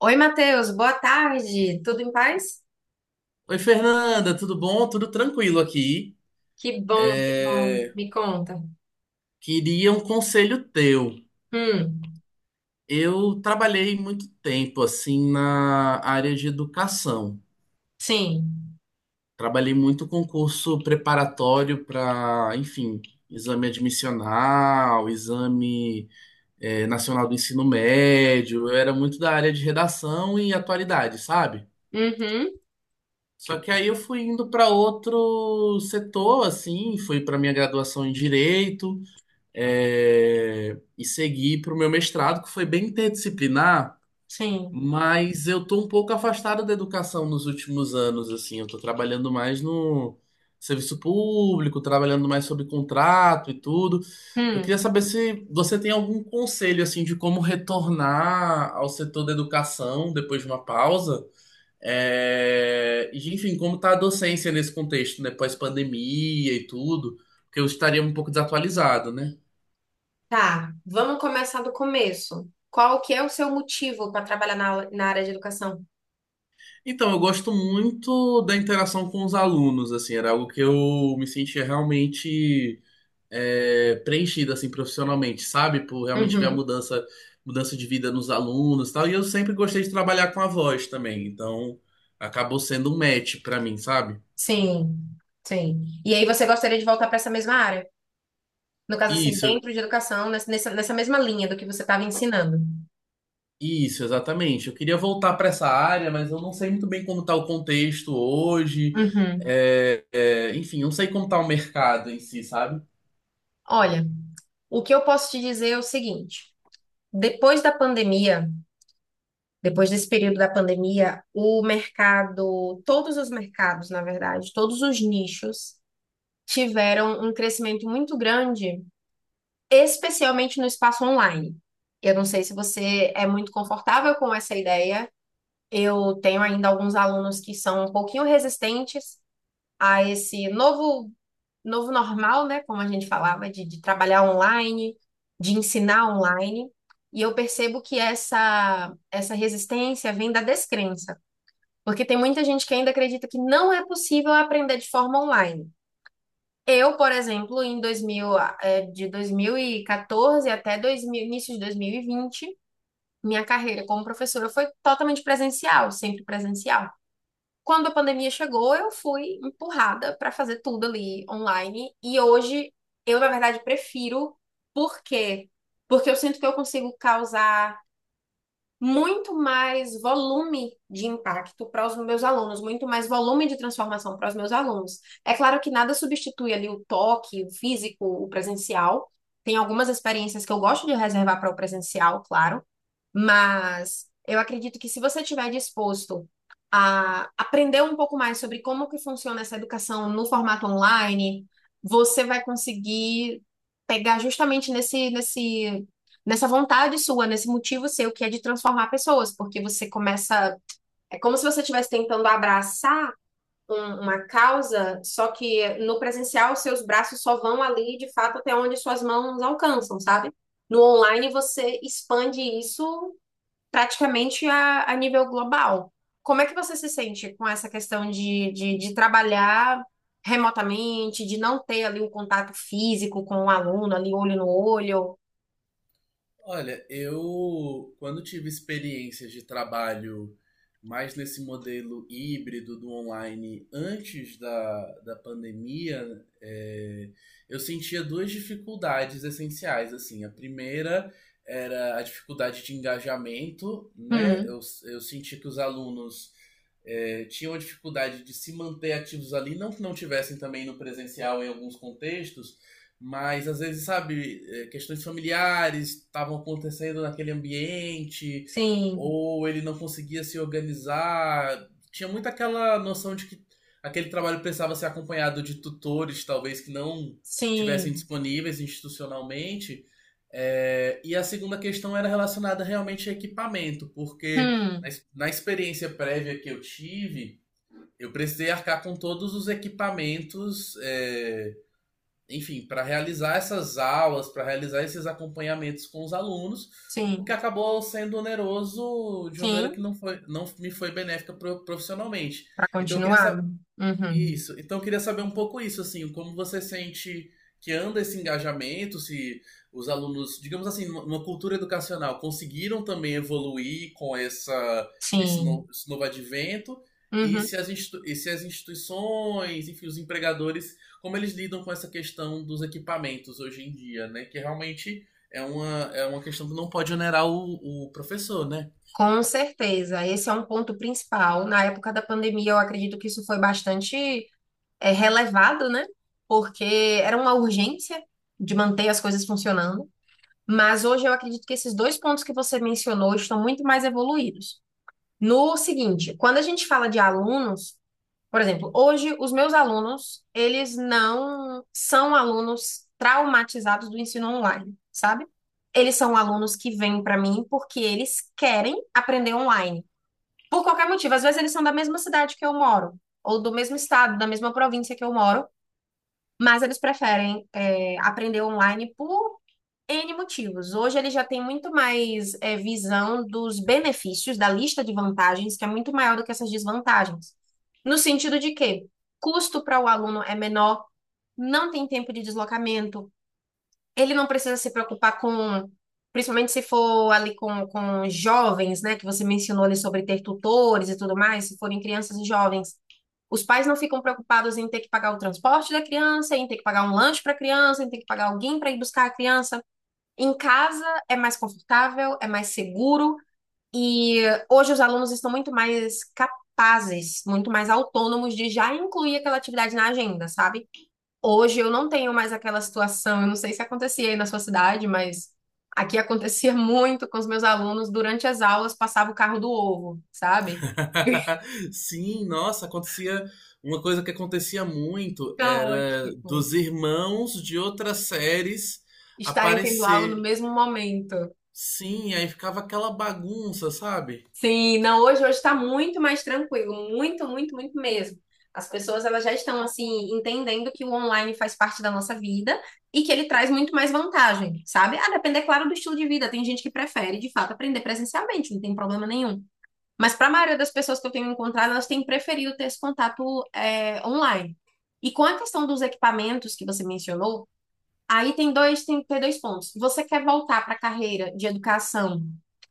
Oi, Matheus, boa tarde. Tudo em paz? Oi, Fernanda, tudo bom? Tudo tranquilo aqui. Que bom, que bom. É, Me conta. Queria um conselho teu. Hum, Eu trabalhei muito tempo assim na área de educação. sim. Trabalhei muito com curso preparatório para, enfim, exame admissional, exame nacional do ensino médio. Eu era muito da área de redação e atualidade, sabe? Uhum, Só que aí eu fui indo para outro setor, assim, fui para minha graduação em direito. E seguir para o meu mestrado, que foi bem interdisciplinar, sim. mas eu tô um pouco afastado da educação nos últimos anos, assim, eu tô trabalhando mais no serviço público, trabalhando mais sobre contrato e tudo. Eu queria Hum, saber se você tem algum conselho, assim, de como retornar ao setor da educação depois de uma pausa. E, enfim, como tá a docência nesse contexto, né, pós-pandemia e tudo, porque eu estaria um pouco desatualizado, né? tá. Vamos começar do começo. Qual que é o seu motivo para trabalhar na área de educação? Então, eu gosto muito da interação com os alunos, assim, era algo que eu me sentia realmente preenchido, assim, profissionalmente, sabe? Por realmente ver a Uhum, mudança, mudança de vida nos alunos e tal. E eu sempre gostei de trabalhar com a voz também, então acabou sendo um match pra mim, sabe? sim, sim. E aí você gostaria de voltar para essa mesma área? No caso, assim, Isso, dentro de educação, nessa mesma linha do que você estava ensinando. isso, exatamente. Eu queria voltar para essa área, mas eu não sei muito bem como tá o contexto hoje. Uhum. Enfim, eu não sei como tá o mercado em si, sabe? Olha, o que eu posso te dizer é o seguinte: depois da pandemia, depois desse período da pandemia, o mercado, todos os mercados, na verdade, todos os nichos tiveram um crescimento muito grande, especialmente no espaço online. Eu não sei se você é muito confortável com essa ideia. Eu tenho ainda alguns alunos que são um pouquinho resistentes a esse novo normal, né? Como a gente falava, de trabalhar online, de ensinar online. E eu percebo que essa resistência vem da descrença. Porque tem muita gente que ainda acredita que não é possível aprender de forma online. Eu, por exemplo, em 2000, de 2014 até 2000, início de 2020, minha carreira como professora foi totalmente presencial, sempre presencial. Quando a pandemia chegou, eu fui empurrada para fazer tudo ali online. E hoje, eu, na verdade, prefiro. Por quê? Porque eu sinto que eu consigo causar muito mais volume de impacto para os meus alunos, muito mais volume de transformação para os meus alunos. É claro que nada substitui ali o toque, o físico, o presencial. Tem algumas experiências que eu gosto de reservar para o presencial, claro, mas eu acredito que se você estiver disposto a aprender um pouco mais sobre como que funciona essa educação no formato online, você vai conseguir pegar justamente nessa vontade sua, nesse motivo seu, que é de transformar pessoas, porque você começa. É como se você estivesse tentando abraçar uma causa, só que no presencial seus braços só vão ali, de fato, até onde suas mãos alcançam, sabe? No online você expande isso praticamente a nível global. Como é que você se sente com essa questão de trabalhar remotamente, de não ter ali um contato físico com o aluno, ali olho no olho? Olha, eu quando tive experiências de trabalho mais nesse modelo híbrido do online antes da pandemia, é, eu sentia duas dificuldades essenciais, assim. A primeira era a dificuldade de engajamento, né? Hum, Eu senti que os alunos tinham a dificuldade de se manter ativos ali, não que não tivessem também no presencial em alguns contextos, mas às vezes, sabe, questões familiares estavam acontecendo naquele ambiente, sim, ou ele não conseguia se organizar. Tinha muito aquela noção de que aquele trabalho precisava ser acompanhado de tutores, talvez que não tivessem sim, disponíveis institucionalmente. E a segunda questão era relacionada realmente a equipamento, porque na, hum, na experiência prévia que eu tive, eu precisei arcar com todos os equipamentos. Enfim, para realizar essas aulas, para realizar esses acompanhamentos com os alunos, o que sim, acabou sendo oneroso de uma maneira sim, que não, foi, não me foi benéfica profissionalmente. para Então eu queria continuar. Uhum, isso. Então eu queria saber um pouco isso, assim, como você sente que anda esse engajamento, se os alunos, digamos assim, numa cultura educacional, conseguiram também evoluir com essa, sim, esse novo advento, e uhum. se as, institu- e se as instituições, enfim, os empregadores, como eles lidam com essa questão dos equipamentos hoje em dia, né? Que realmente é uma questão que não pode onerar o professor, né? Com certeza, esse é um ponto principal. Na época da pandemia, eu acredito que isso foi bastante relevado, né? Porque era uma urgência de manter as coisas funcionando. Mas hoje eu acredito que esses dois pontos que você mencionou estão muito mais evoluídos. No seguinte, quando a gente fala de alunos, por exemplo, hoje os meus alunos, eles não são alunos traumatizados do ensino online, sabe? Eles são alunos que vêm para mim porque eles querem aprender online. Por qualquer motivo, às vezes eles são da mesma cidade que eu moro, ou do mesmo estado, da mesma província que eu moro, mas eles preferem aprender online por N motivos. Hoje eles já têm muito mais visão dos benefícios, da lista de vantagens, que é muito maior do que essas desvantagens. No sentido de que custo para o aluno é menor, não tem tempo de deslocamento, ele não precisa se preocupar com, principalmente se for ali com jovens, né, que você mencionou ali sobre ter tutores e tudo mais, se forem crianças e jovens. Os pais não ficam preocupados em ter que pagar o transporte da criança, em ter que pagar um lanche para a criança, em ter que pagar alguém para ir buscar a criança. Em casa é mais confortável, é mais seguro e hoje os alunos estão muito mais capazes, muito mais autônomos de já incluir aquela atividade na agenda, sabe? Hoje eu não tenho mais aquela situação, eu não sei se acontecia aí na sua cidade, mas aqui acontecia muito com os meus alunos, durante as aulas passava o carro do ovo, sabe? Sim, nossa, acontecia. Uma coisa que acontecia muito Caótico. era Tipo, dos irmãos de outras séries estarem tendo aula no aparecer. mesmo momento. Sim, aí ficava aquela bagunça, sabe? Sim, não, hoje está muito mais tranquilo, muito, muito, muito mesmo. As pessoas elas já estão assim entendendo que o online faz parte da nossa vida e que ele traz muito mais vantagem, sabe? A depender, claro, do estilo de vida. Tem gente que prefere, de fato, aprender presencialmente, não tem problema nenhum. Mas para a maioria das pessoas que eu tenho encontrado, elas têm preferido ter esse contato online. E com a questão dos equipamentos que você mencionou, aí tem dois pontos. Você quer voltar para a carreira de educação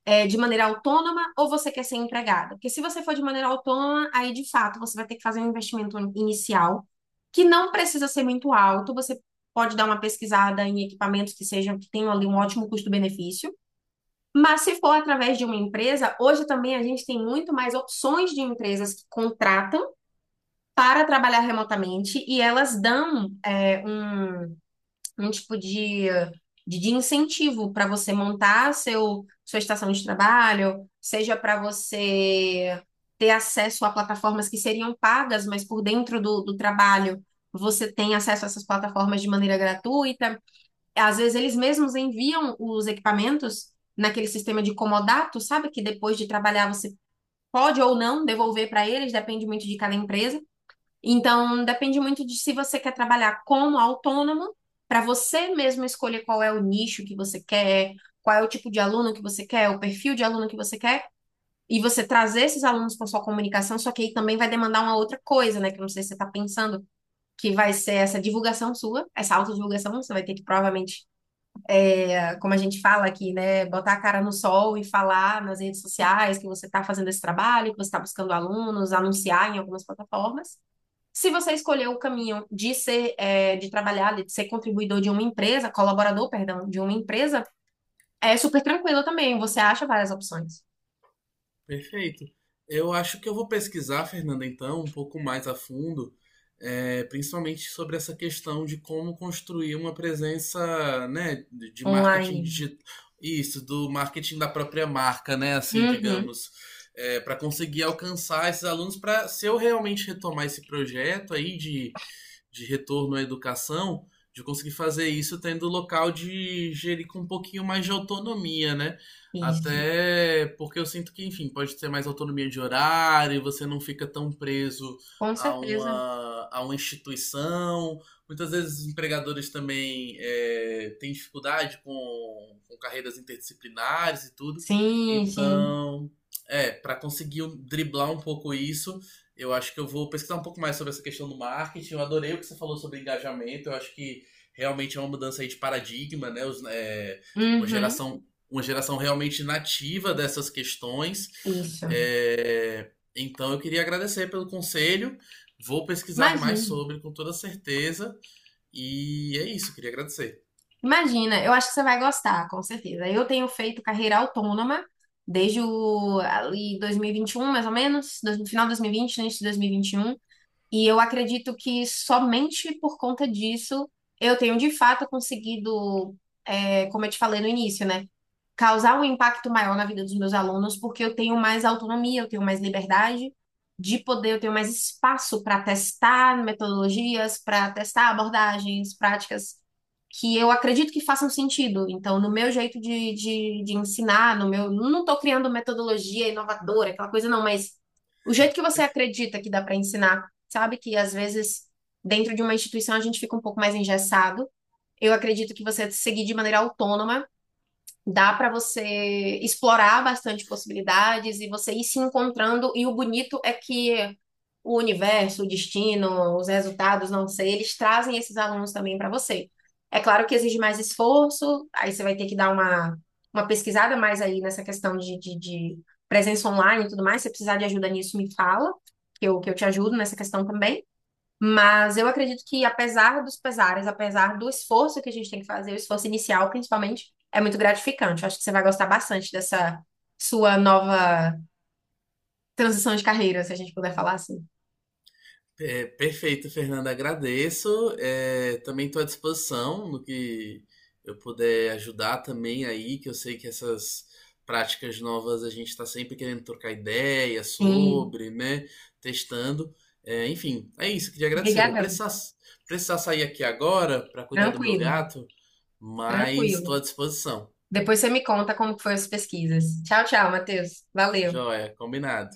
de maneira autônoma ou você quer ser empregada? Porque se você for de maneira autônoma, aí de fato você vai ter que fazer um investimento inicial que não precisa ser muito alto. Você pode dar uma pesquisada em equipamentos que sejam que tenham ali um ótimo custo-benefício. Mas se for através de uma empresa, hoje também a gente tem muito mais opções de empresas que contratam para trabalhar remotamente e elas dão um tipo de, de incentivo para você montar seu, sua estação de trabalho, seja para você ter acesso a plataformas que seriam pagas, mas por dentro do trabalho você tem acesso a essas plataformas de maneira gratuita. Às vezes eles mesmos enviam os equipamentos naquele sistema de comodato, sabe? Que depois de trabalhar você pode ou não devolver para eles, depende muito de cada empresa. Então, depende muito de se você quer trabalhar como autônomo, para você mesmo escolher qual é o nicho que você quer, qual é o tipo de aluno que você quer, o perfil de aluno que você quer, e você trazer esses alunos para sua comunicação, só que aí também vai demandar uma outra coisa, né? Que eu não sei se você está pensando, que vai ser essa divulgação sua, essa autodivulgação. Você vai ter que provavelmente, como a gente fala aqui, né, botar a cara no sol e falar nas redes sociais que você está fazendo esse trabalho, que você está buscando alunos, anunciar em algumas plataformas. Se você escolher o caminho de ser, de trabalhar, de ser contribuidor de uma empresa, colaborador, perdão, de uma empresa, é super tranquilo também. Você acha várias opções Perfeito. Eu acho que eu vou pesquisar, Fernanda, então, um pouco mais a fundo, principalmente sobre essa questão de como construir uma presença, né, de marketing online. digital, isso, do marketing da própria marca, né, assim, Uhum, digamos, para conseguir alcançar esses alunos, para se eu realmente retomar esse projeto aí de retorno à educação, de conseguir fazer isso tendo o local de gerir com um pouquinho mais de autonomia, né? isso. Até porque eu sinto que, enfim, pode ter mais autonomia de horário, você não fica tão preso Com certeza. A uma instituição. Muitas vezes os empregadores também têm dificuldade com carreiras interdisciplinares e tudo. Sim, sim. Então, para conseguir um, driblar um pouco isso, eu acho que eu vou pesquisar um pouco mais sobre essa questão do marketing. Eu adorei o que você falou sobre engajamento. Eu acho que realmente é uma mudança aí de paradigma, né? Uma Uhum, geração uma geração realmente nativa dessas questões. isso. Então eu queria agradecer pelo conselho. Vou pesquisar mais Imagina. sobre com toda certeza. E é isso, queria agradecer. Imagina, eu acho que você vai gostar, com certeza. Eu tenho feito carreira autônoma desde o, ali 2021, mais ou menos, no final de 2020, no início de 2021, e vinte e um, e eu acredito que somente por conta disso eu tenho de fato conseguido, como eu te falei no início, né, causar um impacto maior na vida dos meus alunos, porque eu tenho mais autonomia, eu tenho mais liberdade de poder, eu tenho mais espaço para testar metodologias, para testar abordagens, práticas que eu acredito que façam sentido. Então, no meu jeito de ensinar, não estou criando metodologia inovadora, aquela coisa não, mas o jeito que você acredita que dá para ensinar, sabe? Que às vezes dentro de uma instituição a gente fica um pouco mais engessado. Eu acredito que você seguir de maneira autônoma, dá para você explorar bastante possibilidades e você ir se encontrando. E o bonito é que o universo, o destino, os resultados, não sei, eles trazem esses alunos também para você. É claro que exige mais esforço, aí você vai ter que dar uma pesquisada mais aí nessa questão de presença online e tudo mais. Se você precisar de ajuda nisso, me fala, que eu te ajudo nessa questão também. Mas eu acredito que, apesar dos pesares, apesar do esforço que a gente tem que fazer, o esforço inicial, principalmente, é muito gratificante. Eu acho que você vai gostar bastante dessa sua nova transição de carreira, se a gente puder falar assim. Perfeito, Fernanda. Agradeço. Também estou à disposição no que eu puder ajudar também aí, que eu sei que essas práticas novas a gente está sempre querendo trocar ideia Sim, sobre, né? Testando. Enfim, é isso. Queria agradecer. Obrigada. Precisar sair aqui agora para cuidar do meu Tranquilo, gato, mas estou tranquilo. à disposição. Depois você me conta como que foi as pesquisas. Tchau, tchau, Matheus. Valeu. Joia, combinado.